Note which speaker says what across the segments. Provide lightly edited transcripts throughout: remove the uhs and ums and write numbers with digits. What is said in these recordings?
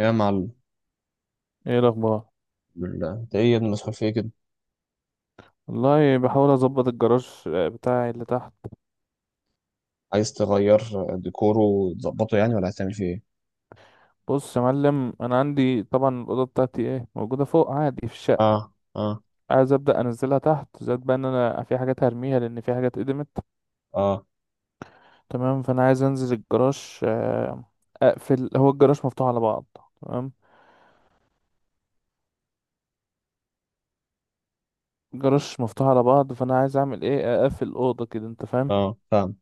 Speaker 1: يا معلم،
Speaker 2: ايه الاخبار؟
Speaker 1: بالله انت ايه يا ابني، مسحول في ايه كده؟
Speaker 2: والله بحاول اظبط الجراج بتاعي اللي تحت.
Speaker 1: عايز تغير ديكوره وتظبطه يعني، ولا هتعمل فيه ايه؟
Speaker 2: بص يا معلم، انا عندي طبعا الاوضه بتاعتي ايه موجوده فوق عادي في الشقه.
Speaker 1: اه، اه،
Speaker 2: عايز ابدا انزلها تحت، زائد بقى ان انا في حاجات هرميها لان في حاجات قدمت.
Speaker 1: اه،
Speaker 2: تمام، فانا عايز انزل الجراج اقفل. هو الجراج مفتوح على بعض. تمام، الجراج مفتوح على بعض، فانا عايز اعمل ايه؟ اقفل الاوضه كده، انت فاهم.
Speaker 1: اه، فاهم.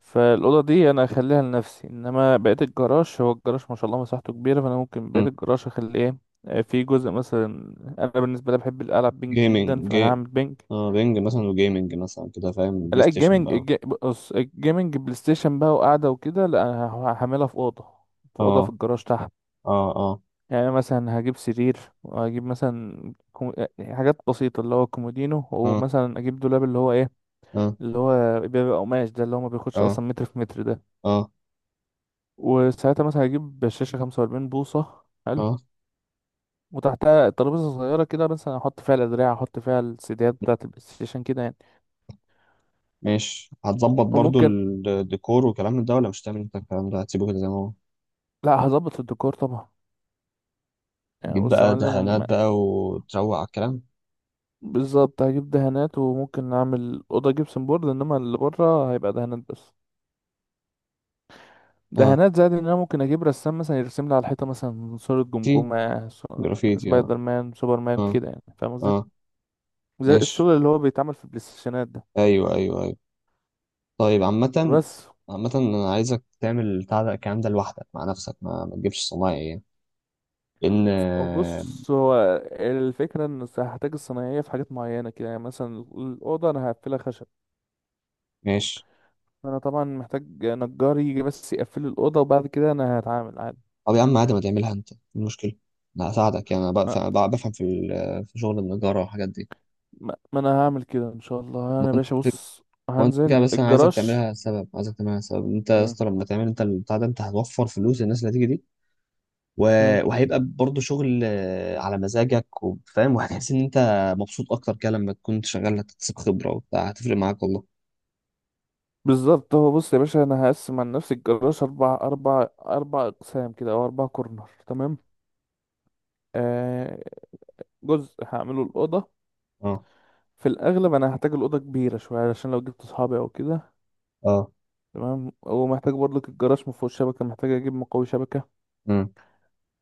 Speaker 2: فالأوضة دي أنا أخليها لنفسي، إنما بقية الجراج، هو الجراج ما شاء الله مساحته كبيرة، فأنا ممكن
Speaker 1: مم.
Speaker 2: بقية الجراج أخلي إيه؟ في جزء مثلا. أنا بالنسبة لي بحب ألعب بينج جدا،
Speaker 1: جيمنج
Speaker 2: فأنا
Speaker 1: جي
Speaker 2: هعمل بينج.
Speaker 1: اه، بينج مثلا وجيمنج مثلا كده، فاهم؟ بلاي
Speaker 2: لا،
Speaker 1: ستيشن
Speaker 2: الجيمنج
Speaker 1: بقى.
Speaker 2: بص، الجيمنج بلاي ستيشن بقى وقعدة وكده. لا أنا هعملها في أوضة، في أوضة في
Speaker 1: اه،
Speaker 2: الجراج تحت.
Speaker 1: اه، اه،
Speaker 2: يعني مثلا هجيب سرير، وهجيب مثلا حاجات بسيطة، اللي هو كومودينو،
Speaker 1: اه،
Speaker 2: ومثلا أجيب دولاب اللي هو إيه،
Speaker 1: اه،
Speaker 2: اللي هو بيبقى قماش ده، اللي هو ما بياخدش
Speaker 1: اه،
Speaker 2: أصلا متر في متر ده.
Speaker 1: اه،
Speaker 2: وساعتها مثلا هجيب شاشة 45 بوصة. حلو.
Speaker 1: اه،
Speaker 2: وتحتها ترابيزة صغيرة كده، مثلا أحط فيها الأدراع، أحط فيها السيديات بتاعة البلاي ستيشن كده يعني.
Speaker 1: ماشي. هتظبط برضو
Speaker 2: وممكن.
Speaker 1: الديكور والكلام من ده، ولا مش هتعمل انت الكلام ده، هتسيبه كده زي ما هو؟
Speaker 2: لا، هظبط الديكور طبعا. يعني
Speaker 1: تجيب
Speaker 2: بص يا
Speaker 1: بقى
Speaker 2: معلم
Speaker 1: دهانات بقى وتروق على الكلام.
Speaker 2: بالظبط هجيب دهانات، وممكن أعمل أوضة جبسن بورد، إنما اللي بره هيبقى دهانات بس.
Speaker 1: اه.
Speaker 2: دهانات، زائد إن أنا ممكن أجيب رسام مثلا يرسم لي على الحيطة مثلا صورة
Speaker 1: تي
Speaker 2: جمجمة، صورة
Speaker 1: جرافيتي، اه،
Speaker 2: سبايدر مان، سوبر مان
Speaker 1: اه،
Speaker 2: كده، يعني فاهم قصدي؟
Speaker 1: اه،
Speaker 2: زي
Speaker 1: ماشي.
Speaker 2: الشغل اللي هو بيتعمل في البلاي ستيشنات ده.
Speaker 1: ايوه، ايوه، أيوه. طيب، عامة،
Speaker 2: بس.
Speaker 1: أنا عايزك تعمل بتاع ده الكلام ده لوحدك مع نفسك، ما تجيبش صنايعي يعني. لأن
Speaker 2: وبص هو الفكرة ان هحتاج الصنايعية في حاجات معينة كده، يعني مثلا الأوضة أنا هقفلها خشب.
Speaker 1: ماشي.
Speaker 2: فأنا طبعا محتاج نجار يجي بس يقفل لي الأوضة، وبعد كده أنا هتعامل عادي.
Speaker 1: طب يا عم عادي، ما تعملها أنت؟ إيه المشكلة؟ أنا هساعدك يعني، أنا
Speaker 2: ما,
Speaker 1: بفهم في شغل النجارة والحاجات دي.
Speaker 2: ما أنا هعمل كده إن شاء الله.
Speaker 1: ما
Speaker 2: أنا يا باشا
Speaker 1: أنت
Speaker 2: بص،
Speaker 1: ما أنت كده
Speaker 2: هنزل
Speaker 1: بس. أنا عايزك
Speaker 2: الجراج.
Speaker 1: تعملها سبب، عايزك تعملها سبب. أنت يا
Speaker 2: مم.
Speaker 1: اسطى لما تعمل أنت البتاع ده، أنت هتوفر فلوس الناس اللي هتيجي دي. و...
Speaker 2: مم.
Speaker 1: وهيبقى برضه شغل على مزاجك وفاهم وهتحس إن أنت مبسوط أكتر كده. لما تكون شغال هتكتسب خبرة وبتاع، هتفرق معاك والله.
Speaker 2: بالظبط، هو بص يا باشا، أنا هقسم عن نفسي الجراج أربع أقسام كده، أو أربع كورنر، تمام. آه جزء هعمله الأوضة.
Speaker 1: أه،
Speaker 2: في الأغلب أنا هحتاج الأوضة كبيرة شوية، علشان لو جبت أصحابي أو كده.
Speaker 1: أه،
Speaker 2: تمام. هو محتاج برضك، الجراج ما فيهوش شبكه، محتاج اجيب مقوي شبكه.
Speaker 1: مم،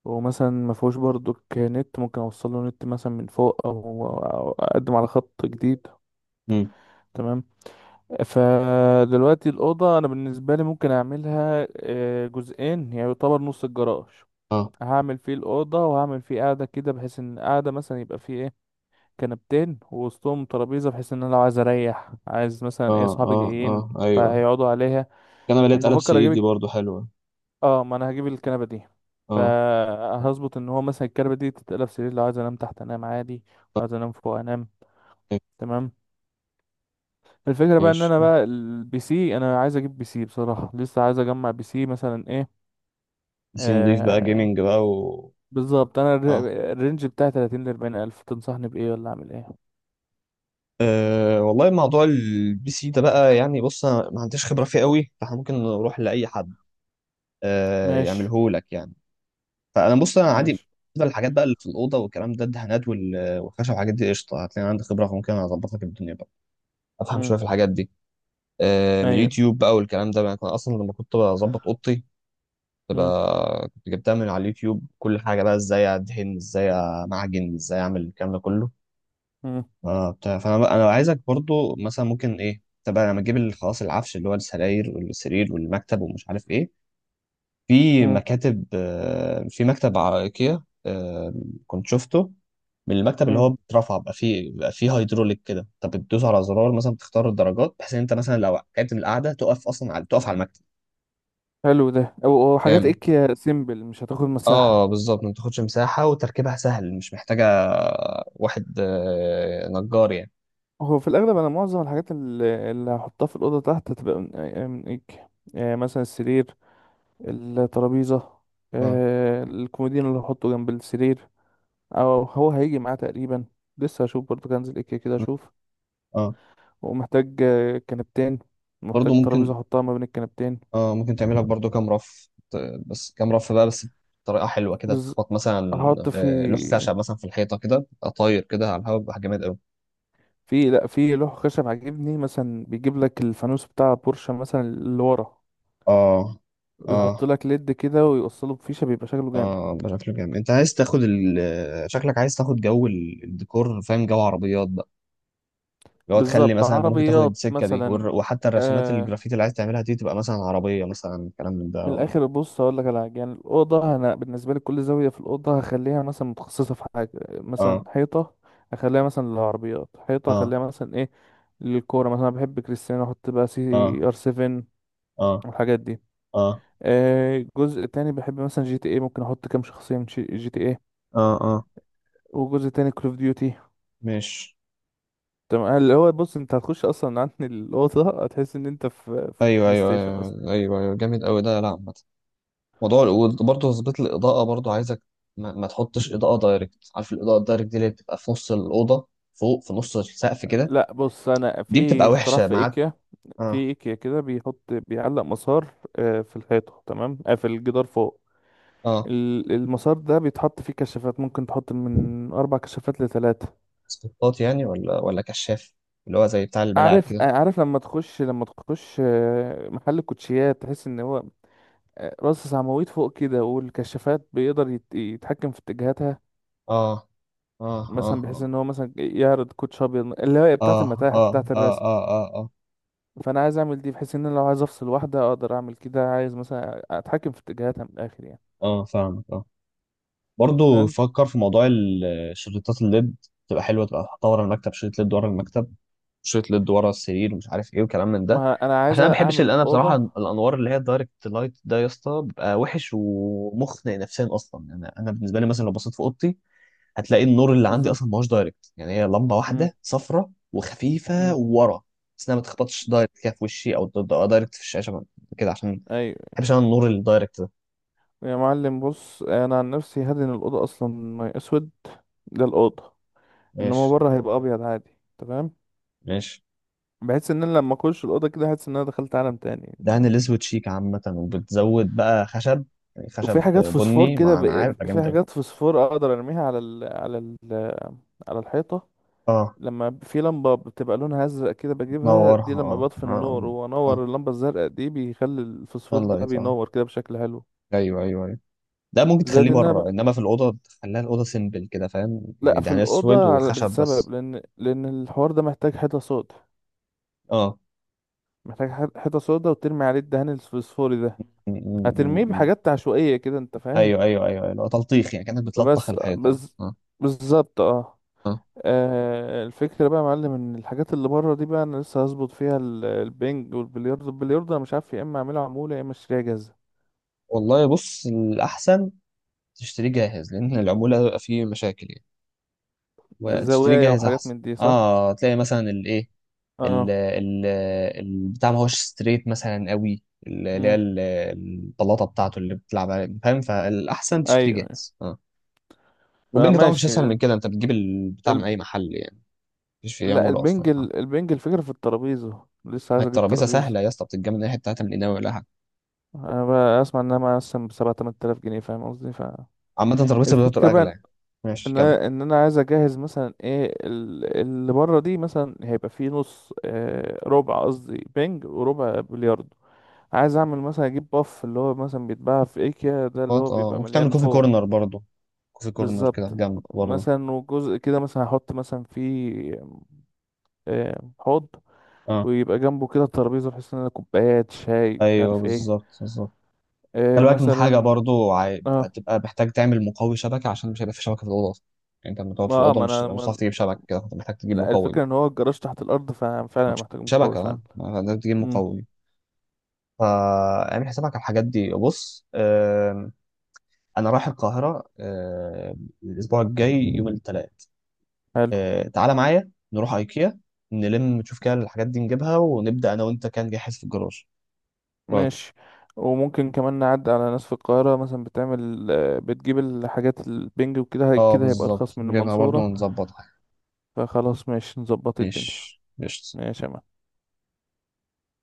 Speaker 2: هو مثلا ما فيهوش برضك نت، ممكن اوصل له نت مثلا من فوق، او اقدم على خط جديد.
Speaker 1: مم،
Speaker 2: تمام. فدلوقتي الاوضه انا بالنسبه لي ممكن اعملها جزئين، يعني يعتبر نص الجراج.
Speaker 1: اه،
Speaker 2: هعمل فيه الاوضه، وهعمل فيه قاعده كده، بحيث ان قاعده مثلا يبقى فيه ايه، كنبتين ووسطهم ترابيزه، بحيث ان انا لو عايز اريح، عايز مثلا
Speaker 1: اه،
Speaker 2: ايه، صحابي
Speaker 1: اه، اه،
Speaker 2: جايين،
Speaker 1: ايوه.
Speaker 2: فهيقعدوا عليها.
Speaker 1: كان بلاقي اتقلب
Speaker 2: وبفكر
Speaker 1: سي دي
Speaker 2: اجيب.
Speaker 1: برضو حلوه.
Speaker 2: اه، ما انا هجيب الكنبه دي،
Speaker 1: اه،
Speaker 2: فهظبط ان هو مثلا الكنبه دي تتقلب سرير، لو عايز انام تحت انام عادي،
Speaker 1: آه،
Speaker 2: لو عايز انام فوق انام. تمام. الفكره بقى ان
Speaker 1: ماشي.
Speaker 2: انا بقى، البي سي، انا عايز اجيب بي سي بصراحه، لسه عايز اجمع بي سي مثلا ايه.
Speaker 1: بي سي نضيف بقى،
Speaker 2: آه
Speaker 1: جيمنج بقى. و
Speaker 2: بالظبط، انا
Speaker 1: اه
Speaker 2: الرينج بتاعي 30 ل 40 الف. تنصحني بايه ولا اعمل ايه؟
Speaker 1: أه والله، موضوع البي سي ده بقى يعني. بص انا ما عنديش خبره فيه قوي، فاحنا ممكن نروح لاي حد أه
Speaker 2: ماشي.
Speaker 1: يعمله لك يعني. فانا بص انا عادي.
Speaker 2: ماشي.
Speaker 1: بالنسبه للحاجات بقى اللي في الاوضه والكلام ده، الدهانات والخشب والحاجات دي قشطه، هتلاقي عندي خبره فممكن اظبط لك الدنيا بقى، افهم
Speaker 2: امم،
Speaker 1: شويه في الحاجات دي. أه من
Speaker 2: ايوه.
Speaker 1: اليوتيوب بقى والكلام ده، انا كنت اصلا لما كنت بظبط اوضتي
Speaker 2: امم
Speaker 1: تبقى كنت جبتها من على اليوتيوب، كل حاجه بقى، ازاي ادهن، ازاي امعجن، ازاي اعمل الكلام ده كله.
Speaker 2: امم
Speaker 1: اه بتاع. فانا بقى انا عايزك برضو مثلا ممكن ايه تبقى لما تجيب خلاص، العفش اللي هو السراير والسرير والمكتب ومش عارف ايه. في مكاتب، في مكتب على ايكيا، كنت شفته، من المكتب اللي هو
Speaker 2: امم
Speaker 1: بيترفع بقى، فيه بقى فيه هيدروليك كده، انت بتدوس على زرار مثلا، تختار الدرجات، بحيث ان انت مثلا لو قعدت من القعده تقف على المكتب.
Speaker 2: حلو ده، أو حاجات
Speaker 1: جامد.
Speaker 2: ايه سيمبل مش هتاخد
Speaker 1: اه
Speaker 2: مساحه.
Speaker 1: بالظبط، ما بتاخدش مساحة وتركيبها سهل، مش محتاجة واحد نجار يعني.
Speaker 2: هو في الأغلب أنا معظم الحاجات اللي هحطها في الأوضة تحت هتبقى من إيك. مثلا السرير، الترابيزة،
Speaker 1: اه،
Speaker 2: الكومودين اللي هحطه جنب السرير، أو هو هيجي معاه تقريبا. لسه هشوف برضه، كنزل إيك كده أشوف.
Speaker 1: اه،
Speaker 2: ومحتاج كنبتين،
Speaker 1: برضو
Speaker 2: محتاج ترابيزة
Speaker 1: ممكن.
Speaker 2: أحطها ما بين الكنبتين.
Speaker 1: اه ممكن تعملها برضو كام رف بس كام رف بقى بس، بطريقة حلوة كده،
Speaker 2: بز...
Speaker 1: تخبط مثلا
Speaker 2: هحط في
Speaker 1: لوح خشب مثلا في الحيطة، كده تبقى طاير كده على الهواء، بيبقى جامد قوي.
Speaker 2: في لأ في لوح خشب عاجبني، مثلا بيجيب لك الفانوس بتاع بورشة مثلا اللي ورا،
Speaker 1: اه،
Speaker 2: ويحط
Speaker 1: اه،
Speaker 2: لك ليد كده، ويوصله بفيشة، بيبقى شكله جامد.
Speaker 1: اه، بشكل جامد. انت عايز تاخد شكلك عايز تاخد جو الديكور، فاهم؟ جو عربيات، اللي هو تخلي
Speaker 2: بالظبط،
Speaker 1: مثلا انت ممكن تاخد
Speaker 2: عربيات
Speaker 1: السكه دي،
Speaker 2: مثلا.
Speaker 1: وحتى الرسومات
Speaker 2: آه
Speaker 1: الجرافيتي اللي عايز تعملها دي، تبقى مثلا عربيه مثلا، كلام من ده.
Speaker 2: من الاخر بص هقول لك على حاجه، يعني الاوضه انا بالنسبه لي كل زاويه في الاوضه هخليها مثلا متخصصه في حاجه. مثلا
Speaker 1: اه،
Speaker 2: حيطه اخليها مثلا للعربيات، حيطه
Speaker 1: اه،
Speaker 2: اخليها مثلا ايه للكوره، مثلا أنا بحب كريستيانو، احط بقى سي
Speaker 1: اه،
Speaker 2: ار 7
Speaker 1: اه،
Speaker 2: والحاجات دي.
Speaker 1: اه،
Speaker 2: جزء تاني بحب مثلا جي تي ايه، ممكن احط كام شخصيه من جي تي ايه.
Speaker 1: اه، اه،
Speaker 2: وجزء تاني كول اوف ديوتي.
Speaker 1: مش.
Speaker 2: تمام، اللي هو بص، انت هتخش اصلا عن الاوضه هتحس ان انت في
Speaker 1: ايوه،
Speaker 2: بلاي
Speaker 1: ايوه،
Speaker 2: ستيشن.
Speaker 1: ايوه، ايوه، ايوه، جامد قوي ده. لا، عامه، موضوع برضه تظبيط الاضاءه برضه، عايزك ما تحطش اضاءه دايركت. عارف الاضاءه الدايركت دي اللي بتبقى في نص الاوضه فوق، في نص السقف كده،
Speaker 2: لا بص، انا
Speaker 1: دي
Speaker 2: في
Speaker 1: بتبقى
Speaker 2: اختراع
Speaker 1: وحشه
Speaker 2: في
Speaker 1: معاك.
Speaker 2: ايكيا. في
Speaker 1: اه،
Speaker 2: ايكيا كده بيحط، بيعلق مسار في الحيطه، تمام، في الجدار فوق.
Speaker 1: اه،
Speaker 2: المسار ده بيتحط فيه كشافات، ممكن تحط من اربع كشافات لثلاثه.
Speaker 1: سبوتات يعني، ولا كشاف، اللي هو زي بتاع الملاعب
Speaker 2: عارف
Speaker 1: كده.
Speaker 2: آه، عارف لما تخش محل الكوتشيات، تحس ان هو راس عواميد فوق كده، والكشافات بيقدر يتحكم في اتجاهاتها.
Speaker 1: اه، اه، اه،
Speaker 2: مثلا بحيث
Speaker 1: آه.
Speaker 2: ان هو مثلا يعرض كوتش ابيض، اللي هي بتاعه
Speaker 1: اه،
Speaker 2: المتاحف،
Speaker 1: اه،
Speaker 2: بتاعه
Speaker 1: اه،
Speaker 2: الرسم.
Speaker 1: اه، اه، اه،
Speaker 2: فانا عايز اعمل دي، بحيث ان انا لو عايز افصل واحده اقدر اعمل كده، عايز مثلا اتحكم في اتجاهاتها من الاخر يعني،
Speaker 1: اه، فاهمك. اه، برضه
Speaker 2: فاهم.
Speaker 1: فكر في موضوع شريطات الليد، تبقى حلوه. تبقى حاطها ورا المكتب شريط ليد ورا المكتب، شريط ليد ورا السرير ومش عارف ايه وكلام من ده.
Speaker 2: ما انا
Speaker 1: عشان
Speaker 2: عايز
Speaker 1: انا ما بحبش،
Speaker 2: اعمل
Speaker 1: اللي انا بصراحه
Speaker 2: الاوضه
Speaker 1: الانوار اللي هي الدايركت لايت ده يا اسطى، بيبقى وحش ومخنق نفسيا اصلا يعني. انا بالنسبه لي مثلا لو بصيت في اوضتي، هتلاقي النور اللي عندي
Speaker 2: بالظبط.
Speaker 1: اصلا ما هوش دايركت يعني، هي لمبه
Speaker 2: امم،
Speaker 1: واحده صفرة وخفيفه
Speaker 2: امم،
Speaker 1: ورا، بس انها ما تخبطش دايركت كده في وشي، او دايركت في الشاشه كده، عشان ما
Speaker 2: ايوه.
Speaker 1: بحبش انا النور الدايركت.
Speaker 2: يا معلم بص، انا عن نفسي هدن الاوضه اصلا ميه اسود. ده الاوضه، انما
Speaker 1: ماشي،
Speaker 2: بره هيبقى ابيض عادي، تمام.
Speaker 1: ماشي.
Speaker 2: بحيث ان انا لما اخش الاوضه كده احس ان انا دخلت عالم تاني.
Speaker 1: دهن الاسود شيك عامة، وبتزود بقى خشب يعني،
Speaker 2: وفي
Speaker 1: خشب
Speaker 2: حاجات فوسفور
Speaker 1: بني
Speaker 2: كده
Speaker 1: مع نعام يبقى
Speaker 2: في
Speaker 1: جامد أوي.
Speaker 2: حاجات فوسفور اقدر ارميها على الحيطه.
Speaker 1: اه،
Speaker 2: لما في لمبة بتبقى لونها أزرق كده بجيبها دي،
Speaker 1: تنورها،
Speaker 2: لما
Speaker 1: اه،
Speaker 2: بطفي النور
Speaker 1: اه، اه،
Speaker 2: وأنور اللمبة الزرقاء دي بيخلي
Speaker 1: اه،
Speaker 2: الفوسفور ده
Speaker 1: اللايت، اه،
Speaker 2: بينور كده بشكل حلو.
Speaker 1: ايوه، ايوه، ايوه. ده ممكن
Speaker 2: زائد
Speaker 1: تخليه
Speaker 2: إن أنا
Speaker 1: بره،
Speaker 2: بقى،
Speaker 1: انما في الاوضه تخليها الاوضه سيمبل كده فاهم
Speaker 2: لأ
Speaker 1: يعني،
Speaker 2: في
Speaker 1: دهان اسود
Speaker 2: الأوضة، على
Speaker 1: وخشب
Speaker 2: بسبب
Speaker 1: بس.
Speaker 2: لأن لأن الحوار ده محتاج حيطة سودا.
Speaker 1: اه،
Speaker 2: محتاج حيطة سودا، وترمي عليه الدهان الفوسفوري ده. هترميه
Speaker 1: م.
Speaker 2: بحاجات عشوائية كده، أنت فاهم.
Speaker 1: ايوه، ايوه، ايوه، ايوه، لو تلطيخ يعني، كانك بتلطخ
Speaker 2: بس،
Speaker 1: الحيطه
Speaker 2: بس.
Speaker 1: اه.
Speaker 2: بالظبط، اه.
Speaker 1: اه
Speaker 2: الفكرة بقى يا معلم، ان الحاجات اللي بره دي بقى انا لسه هظبط فيها البنج والبلياردو. البلياردو انا مش عارف، يا اما اعمله عمولة يا اما اشتريها جاهزة.
Speaker 1: والله بص، الاحسن تشتريه جاهز، لان العموله بيبقى فيه مشاكل يعني، وتشتريه
Speaker 2: زوايا
Speaker 1: جاهز
Speaker 2: وحاجات
Speaker 1: احسن.
Speaker 2: من دي، صح.
Speaker 1: اه تلاقي مثلا الايه، ال
Speaker 2: اه،
Speaker 1: ال البتاع ما هوش ستريت مثلا قوي، اللي هي
Speaker 2: امم،
Speaker 1: البلاطه بتاعته اللي بتلعب عليها فاهم، فالاحسن تشتريه
Speaker 2: ايوه، أيوة.
Speaker 1: جاهز اه. والبنج طبعا مش
Speaker 2: فماشي
Speaker 1: اسهل من كده، انت بتجيب البتاع من
Speaker 2: ال-
Speaker 1: اي محل يعني، مفيش فيه
Speaker 2: لا
Speaker 1: عموله اصلا
Speaker 2: البنج،
Speaker 1: يعني.
Speaker 2: البنج الفكرة في الترابيزة، لسه
Speaker 1: هي
Speaker 2: عايز اجيب
Speaker 1: الترابيزه
Speaker 2: ترابيزة.
Speaker 1: سهله يا اسطى، بتتجمع من اي حته، هتعمل قناوي ولا حاجه.
Speaker 2: انا بقى اسمع انها مثلا بسبعة تمن تلاف جنيه، فاهم قصدي؟
Speaker 1: عامه الترابيزه بتاعته
Speaker 2: الفكرة بقى
Speaker 1: الاغلى يعني. ماشي،
Speaker 2: ان
Speaker 1: كمل.
Speaker 2: انا، عايز اجهز مثلا ايه، اللي بره دي مثلا هيبقى فيه نص ربع قصدي، بنج وربع بلياردو. عايز اعمل مثلا، اجيب باف اللي هو مثلا بيتباع في ايكيا ده، اللي
Speaker 1: اه،
Speaker 2: هو بيبقى
Speaker 1: ممكن تعمل
Speaker 2: مليان
Speaker 1: كوفي
Speaker 2: فوم.
Speaker 1: كورنر برضه، كوفي كورنر كده
Speaker 2: بالظبط،
Speaker 1: في جنب برضه.
Speaker 2: مثلا وجزء كده مثلا هحط مثلا فيه حوض،
Speaker 1: اه،
Speaker 2: ويبقى جنبه كده ترابيزة، بحيث ان انا كوبايات شاي مش
Speaker 1: ايوه
Speaker 2: عارف ايه.
Speaker 1: بالظبط بالظبط. خلي بالك من حاجة
Speaker 2: مثلا.
Speaker 1: برضو،
Speaker 2: اه
Speaker 1: هتبقى محتاج تعمل مقوي شبكة، عشان مش هيبقى في شبكة في الأوضة أصلا يعني، أنت لما تقعد
Speaker 2: ما
Speaker 1: في
Speaker 2: اه
Speaker 1: الأوضة
Speaker 2: ما
Speaker 1: مش
Speaker 2: انا
Speaker 1: مش هتعرف
Speaker 2: ما،
Speaker 1: تجيب شبكة كده، فأنت محتاج تجيب
Speaker 2: لا،
Speaker 1: مقوي بقى.
Speaker 2: الفكرة ان هو الجراج تحت الارض، ففعلا أنا
Speaker 1: مش
Speaker 2: محتاج مقاوي
Speaker 1: شبكة،
Speaker 2: فعلا.
Speaker 1: أه محتاج تجيب
Speaker 2: امم.
Speaker 1: مقوي. فاعمل حسابك على الحاجات دي. بص أنا رايح القاهرة الأسبوع الجاي يوم الثلاث،
Speaker 2: حلو.
Speaker 1: تعالى معايا نروح أيكيا، نلم نشوف كده الحاجات دي نجيبها، ونبدأ أنا وأنت كان جاهز في الجراج. رأيك؟
Speaker 2: ماشي. وممكن كمان نعدي على ناس في القاهرة، مثلا بتعمل آه، بتجيب الحاجات البنج وكده،
Speaker 1: أه
Speaker 2: كده هيبقى
Speaker 1: بالظبط،
Speaker 2: ارخص من
Speaker 1: نجيبها برضو
Speaker 2: المنصورة.
Speaker 1: ونظبطها.
Speaker 2: فخلاص ماشي، نظبط الدنيا.
Speaker 1: ماشي، قشطة.
Speaker 2: ماشي يا معلم.